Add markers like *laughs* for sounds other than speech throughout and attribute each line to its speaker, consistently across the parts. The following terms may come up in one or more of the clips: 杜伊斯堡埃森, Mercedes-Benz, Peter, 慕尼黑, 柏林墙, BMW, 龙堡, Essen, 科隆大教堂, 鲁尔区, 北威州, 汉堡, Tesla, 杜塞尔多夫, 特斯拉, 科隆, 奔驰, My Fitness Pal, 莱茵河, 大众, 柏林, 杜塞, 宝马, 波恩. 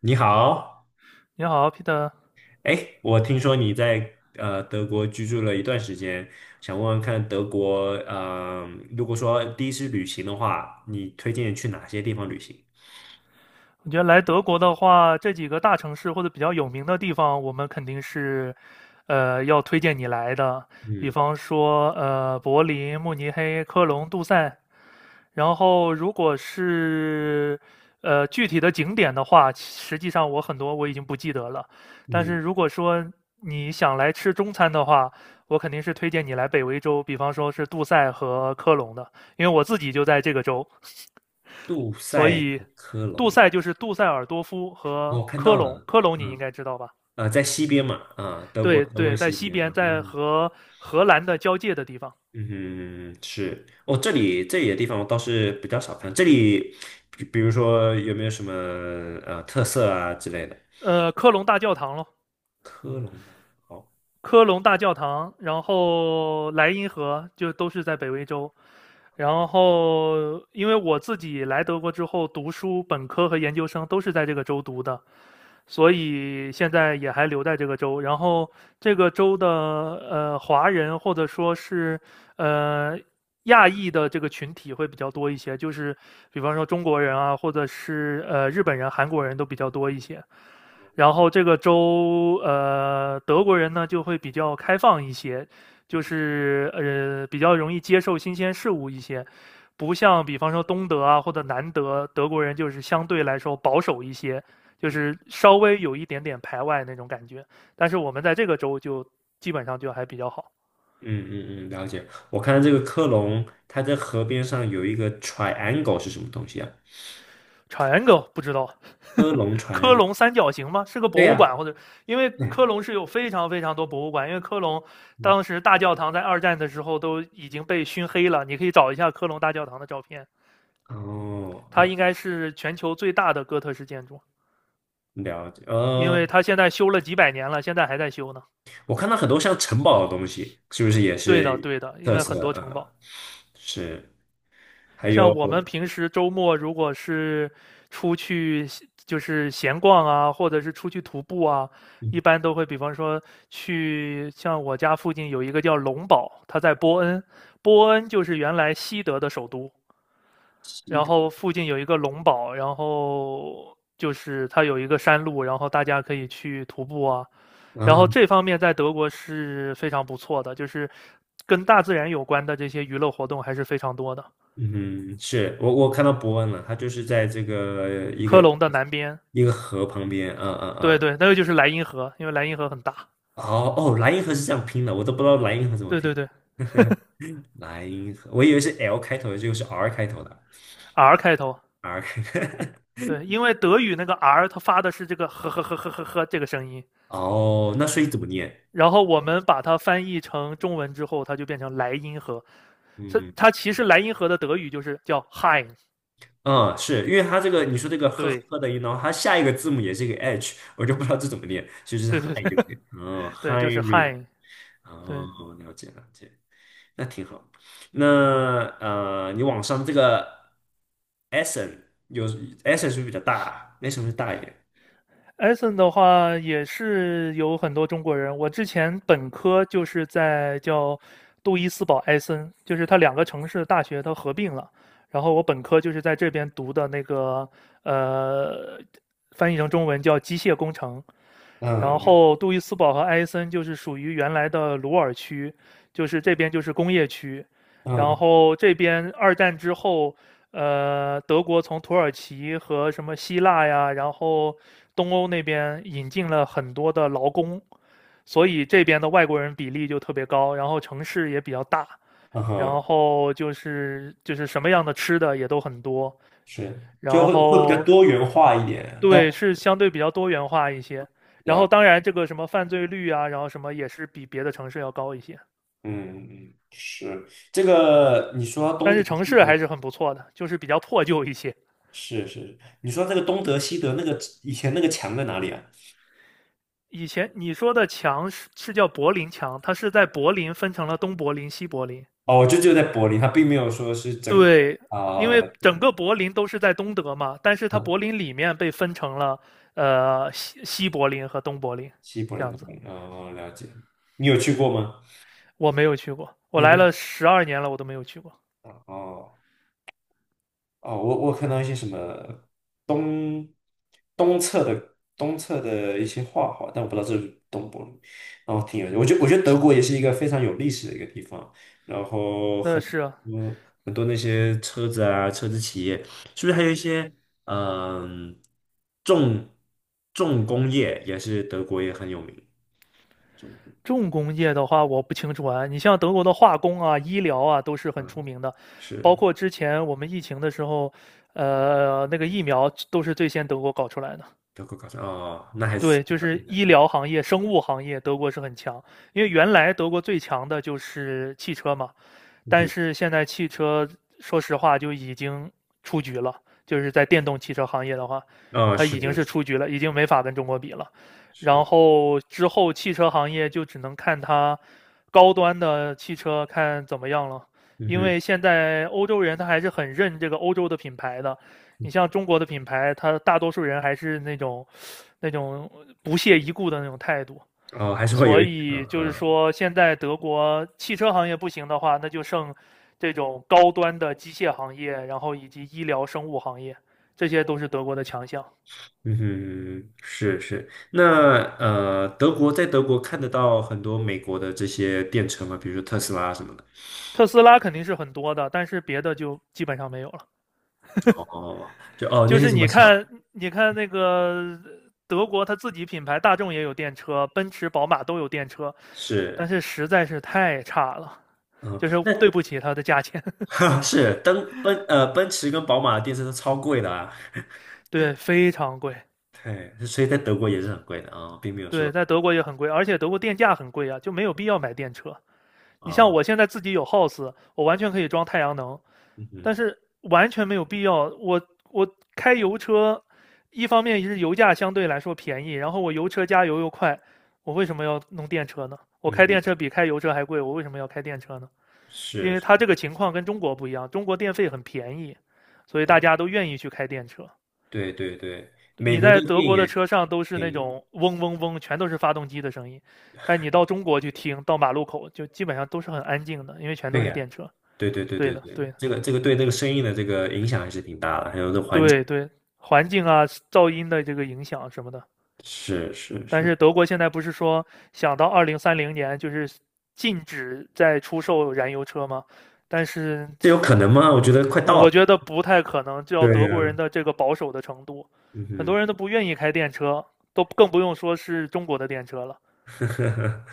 Speaker 1: 你好，
Speaker 2: 你好，Peter。
Speaker 1: 哎，我听说你在德国居住了一段时间，想问问看德国，如果说第一次旅行的话，你推荐去哪些地方旅行？
Speaker 2: 我觉得来德国的话，这几个大城市或者比较有名的地方，我们肯定是，要推荐你来的。比
Speaker 1: 嗯
Speaker 2: 方说，柏林、慕尼黑、科隆、杜塞。然后，如果是具体的景点的话，实际上我很多我已经不记得了。但是
Speaker 1: 嗯，
Speaker 2: 如果说你想来吃中餐的话，我肯定是推荐你来北威州，比方说是杜塞和科隆的，因为我自己就在这个州。
Speaker 1: 杜
Speaker 2: 所
Speaker 1: 塞
Speaker 2: 以
Speaker 1: 和科
Speaker 2: 杜
Speaker 1: 隆，
Speaker 2: 塞就是杜塞尔多夫和
Speaker 1: 我看
Speaker 2: 科
Speaker 1: 到
Speaker 2: 隆，
Speaker 1: 了，
Speaker 2: 科隆你应
Speaker 1: 嗯，
Speaker 2: 该知道吧？
Speaker 1: 在西边嘛，啊、德国
Speaker 2: 对
Speaker 1: 德
Speaker 2: 对，
Speaker 1: 国
Speaker 2: 在
Speaker 1: 西
Speaker 2: 西
Speaker 1: 边，
Speaker 2: 边，
Speaker 1: 啊
Speaker 2: 在
Speaker 1: 嗯
Speaker 2: 和荷兰的交界的地方，
Speaker 1: 嗯是，哦，这里的地方我倒是比较少看，这里比如说有没有什么特色啊之类的？
Speaker 2: 科隆大教堂咯，
Speaker 1: 科隆的，好。
Speaker 2: 科隆大教堂，然后莱茵河就都是在北威州。然后，因为我自己来德国之后读书，本科和研究生都是在这个州读的，所以现在也还留在这个州。然后这个州的华人或者说是呃亚裔的这个群体会比较多一些，就是比方说中国人啊，或者是日本人、韩国人都比较多一些。然后这个州，德国人呢就会比较开放一些，就是比较容易接受新鲜事物一些，不像比方说东德啊或者南德，德国人就是相对来说保守一些，就是稍微有一点点排外那种感觉。但是我们在这个州就基本上就还比较好。
Speaker 1: 嗯嗯嗯，了解。我看到这个科隆，它在河边上有一个 triangle 是什么东西啊？
Speaker 2: 长 r i 不知道，
Speaker 1: 科隆
Speaker 2: 科
Speaker 1: triangle，
Speaker 2: 隆三角形吗？是个
Speaker 1: 对
Speaker 2: 博物
Speaker 1: 呀、
Speaker 2: 馆，或者因为
Speaker 1: 对，
Speaker 2: 科隆是有非常非常多博物馆，因为科隆
Speaker 1: 嗯，
Speaker 2: 当时大教堂在二战的时候都已经被熏黑了，你可以找一下科隆大教堂的照片，
Speaker 1: 哦，
Speaker 2: 它
Speaker 1: 嗯，
Speaker 2: 应该是全球最大的哥特式建筑，
Speaker 1: 了解。
Speaker 2: 因为它现在修了几百年了，现在还在修呢。
Speaker 1: 我看到很多像城堡的东西，是不是也
Speaker 2: 对的，
Speaker 1: 是
Speaker 2: 对的，应
Speaker 1: 特
Speaker 2: 该很
Speaker 1: 色？
Speaker 2: 多城堡。
Speaker 1: 是，还
Speaker 2: 像
Speaker 1: 有，
Speaker 2: 我们平时周末如果是出去就是闲逛啊，或者是出去徒步啊，一
Speaker 1: 嗯，
Speaker 2: 般都会比方说去像我家附近有一个叫龙堡，它在波恩，波恩就是原来西德的首都，
Speaker 1: 西
Speaker 2: 然
Speaker 1: 的
Speaker 2: 后附近有一个龙堡，然后就是它有一个山路，然后大家可以去徒步啊，然后
Speaker 1: 嗯
Speaker 2: 这方面在德国是非常不错的，就是跟大自然有关的这些娱乐活动还是非常多的。
Speaker 1: 嗯，是我看到伯恩了，他就是在这个
Speaker 2: 科隆的南边，
Speaker 1: 一个河旁边，嗯嗯
Speaker 2: 对
Speaker 1: 嗯，
Speaker 2: 对，那个就是莱茵河，因为莱茵河很大。
Speaker 1: 哦哦，莱茵河是这样拼的，我都不知道莱茵河怎么
Speaker 2: 对对
Speaker 1: 拼。
Speaker 2: 对
Speaker 1: *laughs* 莱茵河，我以为是 L 开头的，结果是 R 开头的
Speaker 2: ，R 开头。
Speaker 1: ，R *laughs* 开头。
Speaker 2: 对，因为德语那个 R 它发的是这个呵呵呵呵呵呵这个声音，
Speaker 1: *laughs* 哦，那所以怎么念？
Speaker 2: 然后我们把它翻译成中文之后，它就变成莱茵河。它
Speaker 1: 嗯
Speaker 2: 它其实莱茵河的德语就是叫 Hein。
Speaker 1: 嗯，是因为它这个你说这个呵
Speaker 2: 对
Speaker 1: 呵的音，然后它下一个字母也是一个 H，*laughs* 我就不知道这怎么念，所以就是
Speaker 2: 对对
Speaker 1: Hi
Speaker 2: 对
Speaker 1: 就可以。嗯
Speaker 2: 对，
Speaker 1: ，Hi
Speaker 2: 就是
Speaker 1: River。
Speaker 2: Hein。对，
Speaker 1: 哦，了解了解，那挺好。那你网上这个 Essen 是不是比较大？Essen 是不是大一点？
Speaker 2: e 森的话也是有很多中国人。我之前本科就是在叫杜伊斯堡埃森，就是它两个城市的大学它合并了。然后我本科就是在这边读的那个，呃，翻译成中文叫机械工程。然
Speaker 1: 嗯
Speaker 2: 后杜伊斯堡和埃森就是属于原来的鲁尔区，就是这边就是工业区，然
Speaker 1: 嗯
Speaker 2: 后这边二战之后，德国从土耳其和什么希腊呀，然后东欧那边引进了很多的劳工，所以这边的外国人比例就特别高，然后城市也比较大，
Speaker 1: 嗯
Speaker 2: 然
Speaker 1: 哼，
Speaker 2: 后就是什么样的吃的也都很多，
Speaker 1: 是，就
Speaker 2: 然
Speaker 1: 会会比较
Speaker 2: 后
Speaker 1: 多元化一点，但
Speaker 2: 对，是相对比较多元化一些。然后
Speaker 1: 呀，
Speaker 2: 当然这个什么犯罪率啊，然后什么也是比别的城市要高一些，
Speaker 1: 嗯嗯，是这个，你说东
Speaker 2: 但
Speaker 1: 德
Speaker 2: 是城
Speaker 1: 西
Speaker 2: 市
Speaker 1: 德，
Speaker 2: 还是很不错的，就是比较破旧一些。
Speaker 1: 是是，你说这个东德西德那个以前那个墙在哪里啊？
Speaker 2: 以前你说的墙是叫柏林墙，它是在柏林分成了东柏林、西柏林。
Speaker 1: 哦，就在柏林，它并没有说是整个
Speaker 2: 对，因
Speaker 1: 啊，
Speaker 2: 为
Speaker 1: 了解
Speaker 2: 整
Speaker 1: 了
Speaker 2: 个柏林都是在东德嘛，但是它
Speaker 1: 嗯，
Speaker 2: 柏林里面被分成了西柏林和东柏林
Speaker 1: 西柏
Speaker 2: 这
Speaker 1: 林的
Speaker 2: 样子。
Speaker 1: 柏林，哦，了解，你有去过吗？
Speaker 2: 我没有去过，我
Speaker 1: 你没
Speaker 2: 来
Speaker 1: 有？
Speaker 2: 了12年了，我都没有去过。
Speaker 1: 哦。哦，我看到一些什么东东侧的一些画画，但我不知道这是东柏林，然后挺有趣。我觉得德国也是一个非常有历史的一个地方，然后
Speaker 2: 那
Speaker 1: 很
Speaker 2: 是啊
Speaker 1: 多很多那些车子啊，车子企业，是不是还有一些嗯重重工业也是德国也很有名？
Speaker 2: 重工业的话，我不清楚啊。你像德国的化工啊、医疗啊，都是很出
Speaker 1: 嗯，
Speaker 2: 名的。包
Speaker 1: 是
Speaker 2: 括之前我们疫情的时候，那个疫苗都是最先德国搞出来的。
Speaker 1: 德国搞的哦，那还是
Speaker 2: 对，就是医疗行业、生物行业，德国是很强。因为原来德国最强的就是汽车嘛，
Speaker 1: 嗯
Speaker 2: 但
Speaker 1: 哼，
Speaker 2: 是现在汽车，说实话就已经出局了，就是在电动汽车行业的话，
Speaker 1: 哦
Speaker 2: 它
Speaker 1: 是
Speaker 2: 已经是出局了，已经没法跟中国比了。然
Speaker 1: 是
Speaker 2: 后之后汽车行业就只能看它高端的汽车看怎么样了，
Speaker 1: 嗯
Speaker 2: 因
Speaker 1: 哼，
Speaker 2: 为现在欧洲人他还是很认这个欧洲的品牌的。你像中国的品牌，它大多数人还是那种不屑一顾的那种态度，
Speaker 1: 哦还是会
Speaker 2: 所
Speaker 1: 有一点
Speaker 2: 以
Speaker 1: 嗯
Speaker 2: 就是
Speaker 1: 嗯。
Speaker 2: 说，现在德国汽车行业不行的话，那就剩这种高端的机械行业，然后以及医疗生物行业，这些都是德国的强项。
Speaker 1: 嗯哼，是是。那德国在德国看得到很多美国的这些电车嘛，比如说特斯拉什么的。
Speaker 2: 特斯拉肯定是很多的，但是别的就基本上没有了。
Speaker 1: 哦，就哦那
Speaker 2: 就
Speaker 1: 些
Speaker 2: 是
Speaker 1: 什么
Speaker 2: 你
Speaker 1: 小
Speaker 2: 看，你看那个德国，它自己品牌大众也有电车，奔驰、宝马都有电车，但
Speaker 1: 是，
Speaker 2: 是实在是太差了，
Speaker 1: 嗯，
Speaker 2: 就是
Speaker 1: 那
Speaker 2: 对不起它的价钱，
Speaker 1: *laughs* 哈是登奔驰跟宝马的电车都超贵的啊。
Speaker 2: 对，非常贵。
Speaker 1: *laughs* 对，所以在德国也是很贵的啊，并没有
Speaker 2: 对，
Speaker 1: 说
Speaker 2: 在德国也很贵，而且德国电价很贵啊，就没有必要买电车。你像
Speaker 1: 啊，
Speaker 2: 我现在自己有 house，我完全可以装太阳能，
Speaker 1: 嗯
Speaker 2: 但
Speaker 1: 哼
Speaker 2: 是完全没有必要。我开油车，一方面是油价相对来说便宜，然后我油车加油又快，我为什么要弄电车呢？我
Speaker 1: 嗯
Speaker 2: 开电
Speaker 1: 哼，
Speaker 2: 车比开油车还贵，我为什么要开电车呢？因为
Speaker 1: 是，
Speaker 2: 它这个情况跟中国不一样，中国电费很便宜，所以大家
Speaker 1: 对
Speaker 2: 都愿意去开电车。
Speaker 1: 对对对，美
Speaker 2: 你
Speaker 1: 国这
Speaker 2: 在
Speaker 1: 个
Speaker 2: 德
Speaker 1: 电
Speaker 2: 国的
Speaker 1: 也
Speaker 2: 车上都是
Speaker 1: 便
Speaker 2: 那
Speaker 1: 宜，
Speaker 2: 种嗡嗡嗡，全都是发动机的声音，但你到中国去听，到马路口就基本上都是很安静的，因为全都
Speaker 1: 对
Speaker 2: 是
Speaker 1: 呀。
Speaker 2: 电车。
Speaker 1: 对对对
Speaker 2: 对
Speaker 1: 对
Speaker 2: 的，
Speaker 1: 对，
Speaker 2: 对的，
Speaker 1: 这个对那个生意的这个影响还是挺大的，还有这环境。
Speaker 2: 对对，环境啊、噪音的这个影响什么的。
Speaker 1: 是是
Speaker 2: 但
Speaker 1: 是，
Speaker 2: 是德国现在不是说想到2030年就是禁止再出售燃油车吗？但是
Speaker 1: 这有可能吗？我觉得快到了。
Speaker 2: 我觉得不太可能，就要德
Speaker 1: 对
Speaker 2: 国人
Speaker 1: 呀、
Speaker 2: 的这个保守的程度，很
Speaker 1: 嗯
Speaker 2: 多人都不愿意开电车，都更不用说是中国的电车了。
Speaker 1: 哼，*laughs*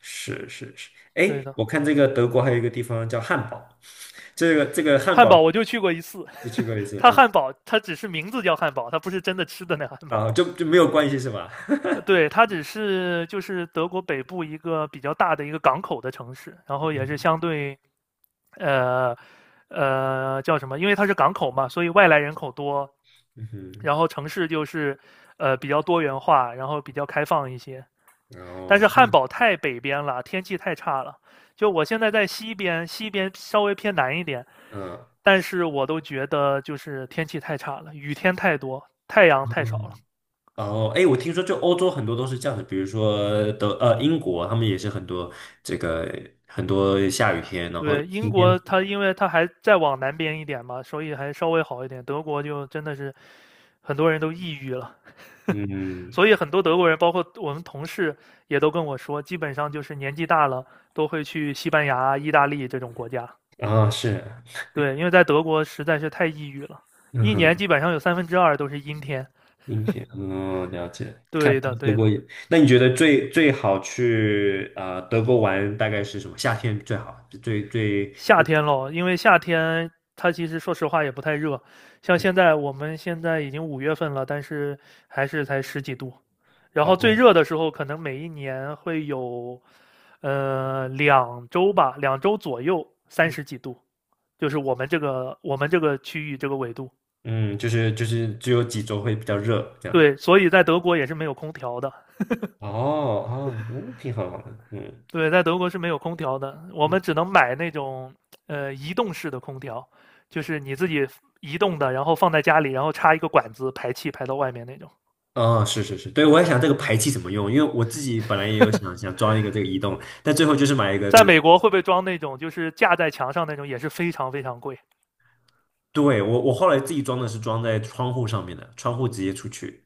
Speaker 1: 是是是。
Speaker 2: 对
Speaker 1: 哎，
Speaker 2: 的，
Speaker 1: 我看这个德国还有一个地方叫汉堡，这个汉
Speaker 2: 汉
Speaker 1: 堡
Speaker 2: 堡我就去过一次，
Speaker 1: 就去过一次，
Speaker 2: 它
Speaker 1: 嗯，
Speaker 2: 汉堡它只是名字叫汉堡，它不是真的吃的那汉堡。
Speaker 1: 啊，就没有关系是吧？*laughs*
Speaker 2: 呃对，它只是就是德国北部一个比较大的一个港口的城市，然后也是
Speaker 1: 嗯
Speaker 2: 相对呃叫什么？因为它是港口嘛，所以外来人口多，
Speaker 1: 嗯哼，
Speaker 2: 然后城市就是比较多元化，然后比较开放一些。
Speaker 1: 然
Speaker 2: 但是
Speaker 1: 后
Speaker 2: 汉
Speaker 1: 嗯
Speaker 2: 堡太北边了，天气太差了。就我现在在西边，西边稍微偏南一点，
Speaker 1: 嗯
Speaker 2: 但是我都觉得就是天气太差了，雨天太多，太阳太少了。
Speaker 1: 嗯然后哎，我听说就欧洲很多都是这样的，比如说英国，他们也是很多这个很多下雨天，然后
Speaker 2: 对，英
Speaker 1: 晴
Speaker 2: 国
Speaker 1: 天，
Speaker 2: 它因为它还再往南边一点嘛，所以还稍微好一点。德国就真的是很多人都抑郁了，*laughs*
Speaker 1: 嗯
Speaker 2: 所以很多德国人，包括我们同事也都跟我说，基本上就是年纪大了都会去西班牙、意大利这种国家。
Speaker 1: 啊是，
Speaker 2: 对，因为在德国实在是太抑郁了，
Speaker 1: 嗯
Speaker 2: 一年
Speaker 1: 哼。
Speaker 2: 基本上有三分之二都是阴天。
Speaker 1: 音频，嗯，了解。看
Speaker 2: 对的，
Speaker 1: 德
Speaker 2: 对的。
Speaker 1: 国也，那你觉得最最好去啊、德国玩大概是什么？夏天最好，就最最
Speaker 2: 夏
Speaker 1: 最
Speaker 2: 天咯，因为夏天它其实说实话也不太热，像我们现在已经5月份了，但是还是才十几度。然后最
Speaker 1: 哦，
Speaker 2: 热的时候，可能每一年会有，两周吧，两周左右30几度，就是我们这个区域这个纬度。
Speaker 1: 嗯，就是只有几周会比较热这样。
Speaker 2: 对，所以在德国也是没有空调的。
Speaker 1: 哦哦，嗯挺好的，嗯
Speaker 2: 对，在德国是没有空调的，我
Speaker 1: 嗯，
Speaker 2: 们只能买那种移动式的空调，就是你自己移动的，然后放在家里，然后插一个管子排气排到外面那种。
Speaker 1: 哦，是是是，对，我也想这个
Speaker 2: 嗯，
Speaker 1: 排气怎么用，因为我自己本来也有想想装一个这个移动，但最后就是买一个那
Speaker 2: 在
Speaker 1: 个，
Speaker 2: 美国会不会装那种就是架在墙上那种，也是非常非常贵
Speaker 1: 对，我后来自己装的是装在窗户上面的，窗户直接出去，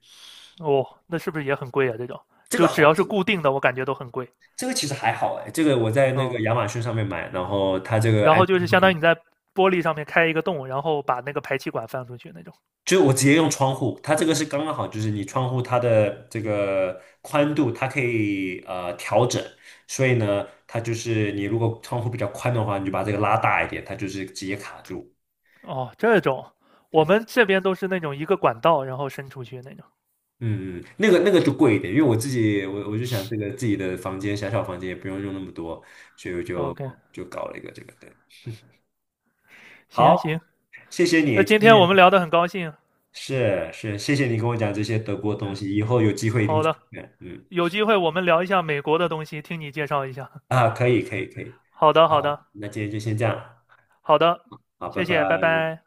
Speaker 2: 哦，那是不是也很贵啊？这种
Speaker 1: 这个
Speaker 2: 就只要
Speaker 1: 好，
Speaker 2: 是固定的，我感觉都很贵
Speaker 1: 这个其实还好哎，这个我在那个
Speaker 2: 哦。
Speaker 1: 亚马逊上面买，然后它这个
Speaker 2: 然后
Speaker 1: 安，
Speaker 2: 就是相当于你在玻璃上面开一个洞，然后把那个排气管放出去那种。
Speaker 1: 就是我直接用窗户，它这个是刚刚好，就是你窗户它的这个宽度它可以调整，所以呢，它就是你如果窗户比较宽的话，你就把这个拉大一点，它就是直接卡住。
Speaker 2: 哦，这种我
Speaker 1: 对，
Speaker 2: 们这边都是那种一个管道，然后伸出去那种。
Speaker 1: 嗯，嗯，那个就贵一点，因为我自己我就想这个自己的房间小房间也不用用那么多，所以我就
Speaker 2: OK，
Speaker 1: 就搞了一个这个，对，
Speaker 2: 行行，
Speaker 1: 好，谢谢
Speaker 2: 那
Speaker 1: 你今
Speaker 2: 今天我们
Speaker 1: 天。
Speaker 2: 聊得很高兴。
Speaker 1: 是是，谢谢你跟我讲这些德国东西，以后有机会一定
Speaker 2: 好
Speaker 1: 去
Speaker 2: 的，
Speaker 1: 看嗯，
Speaker 2: 有机会我们聊一下美国的东西，听你介绍一下。
Speaker 1: 啊，可以可以可以，
Speaker 2: 好的，好的，
Speaker 1: 好，那今天就先这样，
Speaker 2: 好的，
Speaker 1: 好，拜
Speaker 2: 谢谢，拜
Speaker 1: 拜。
Speaker 2: 拜。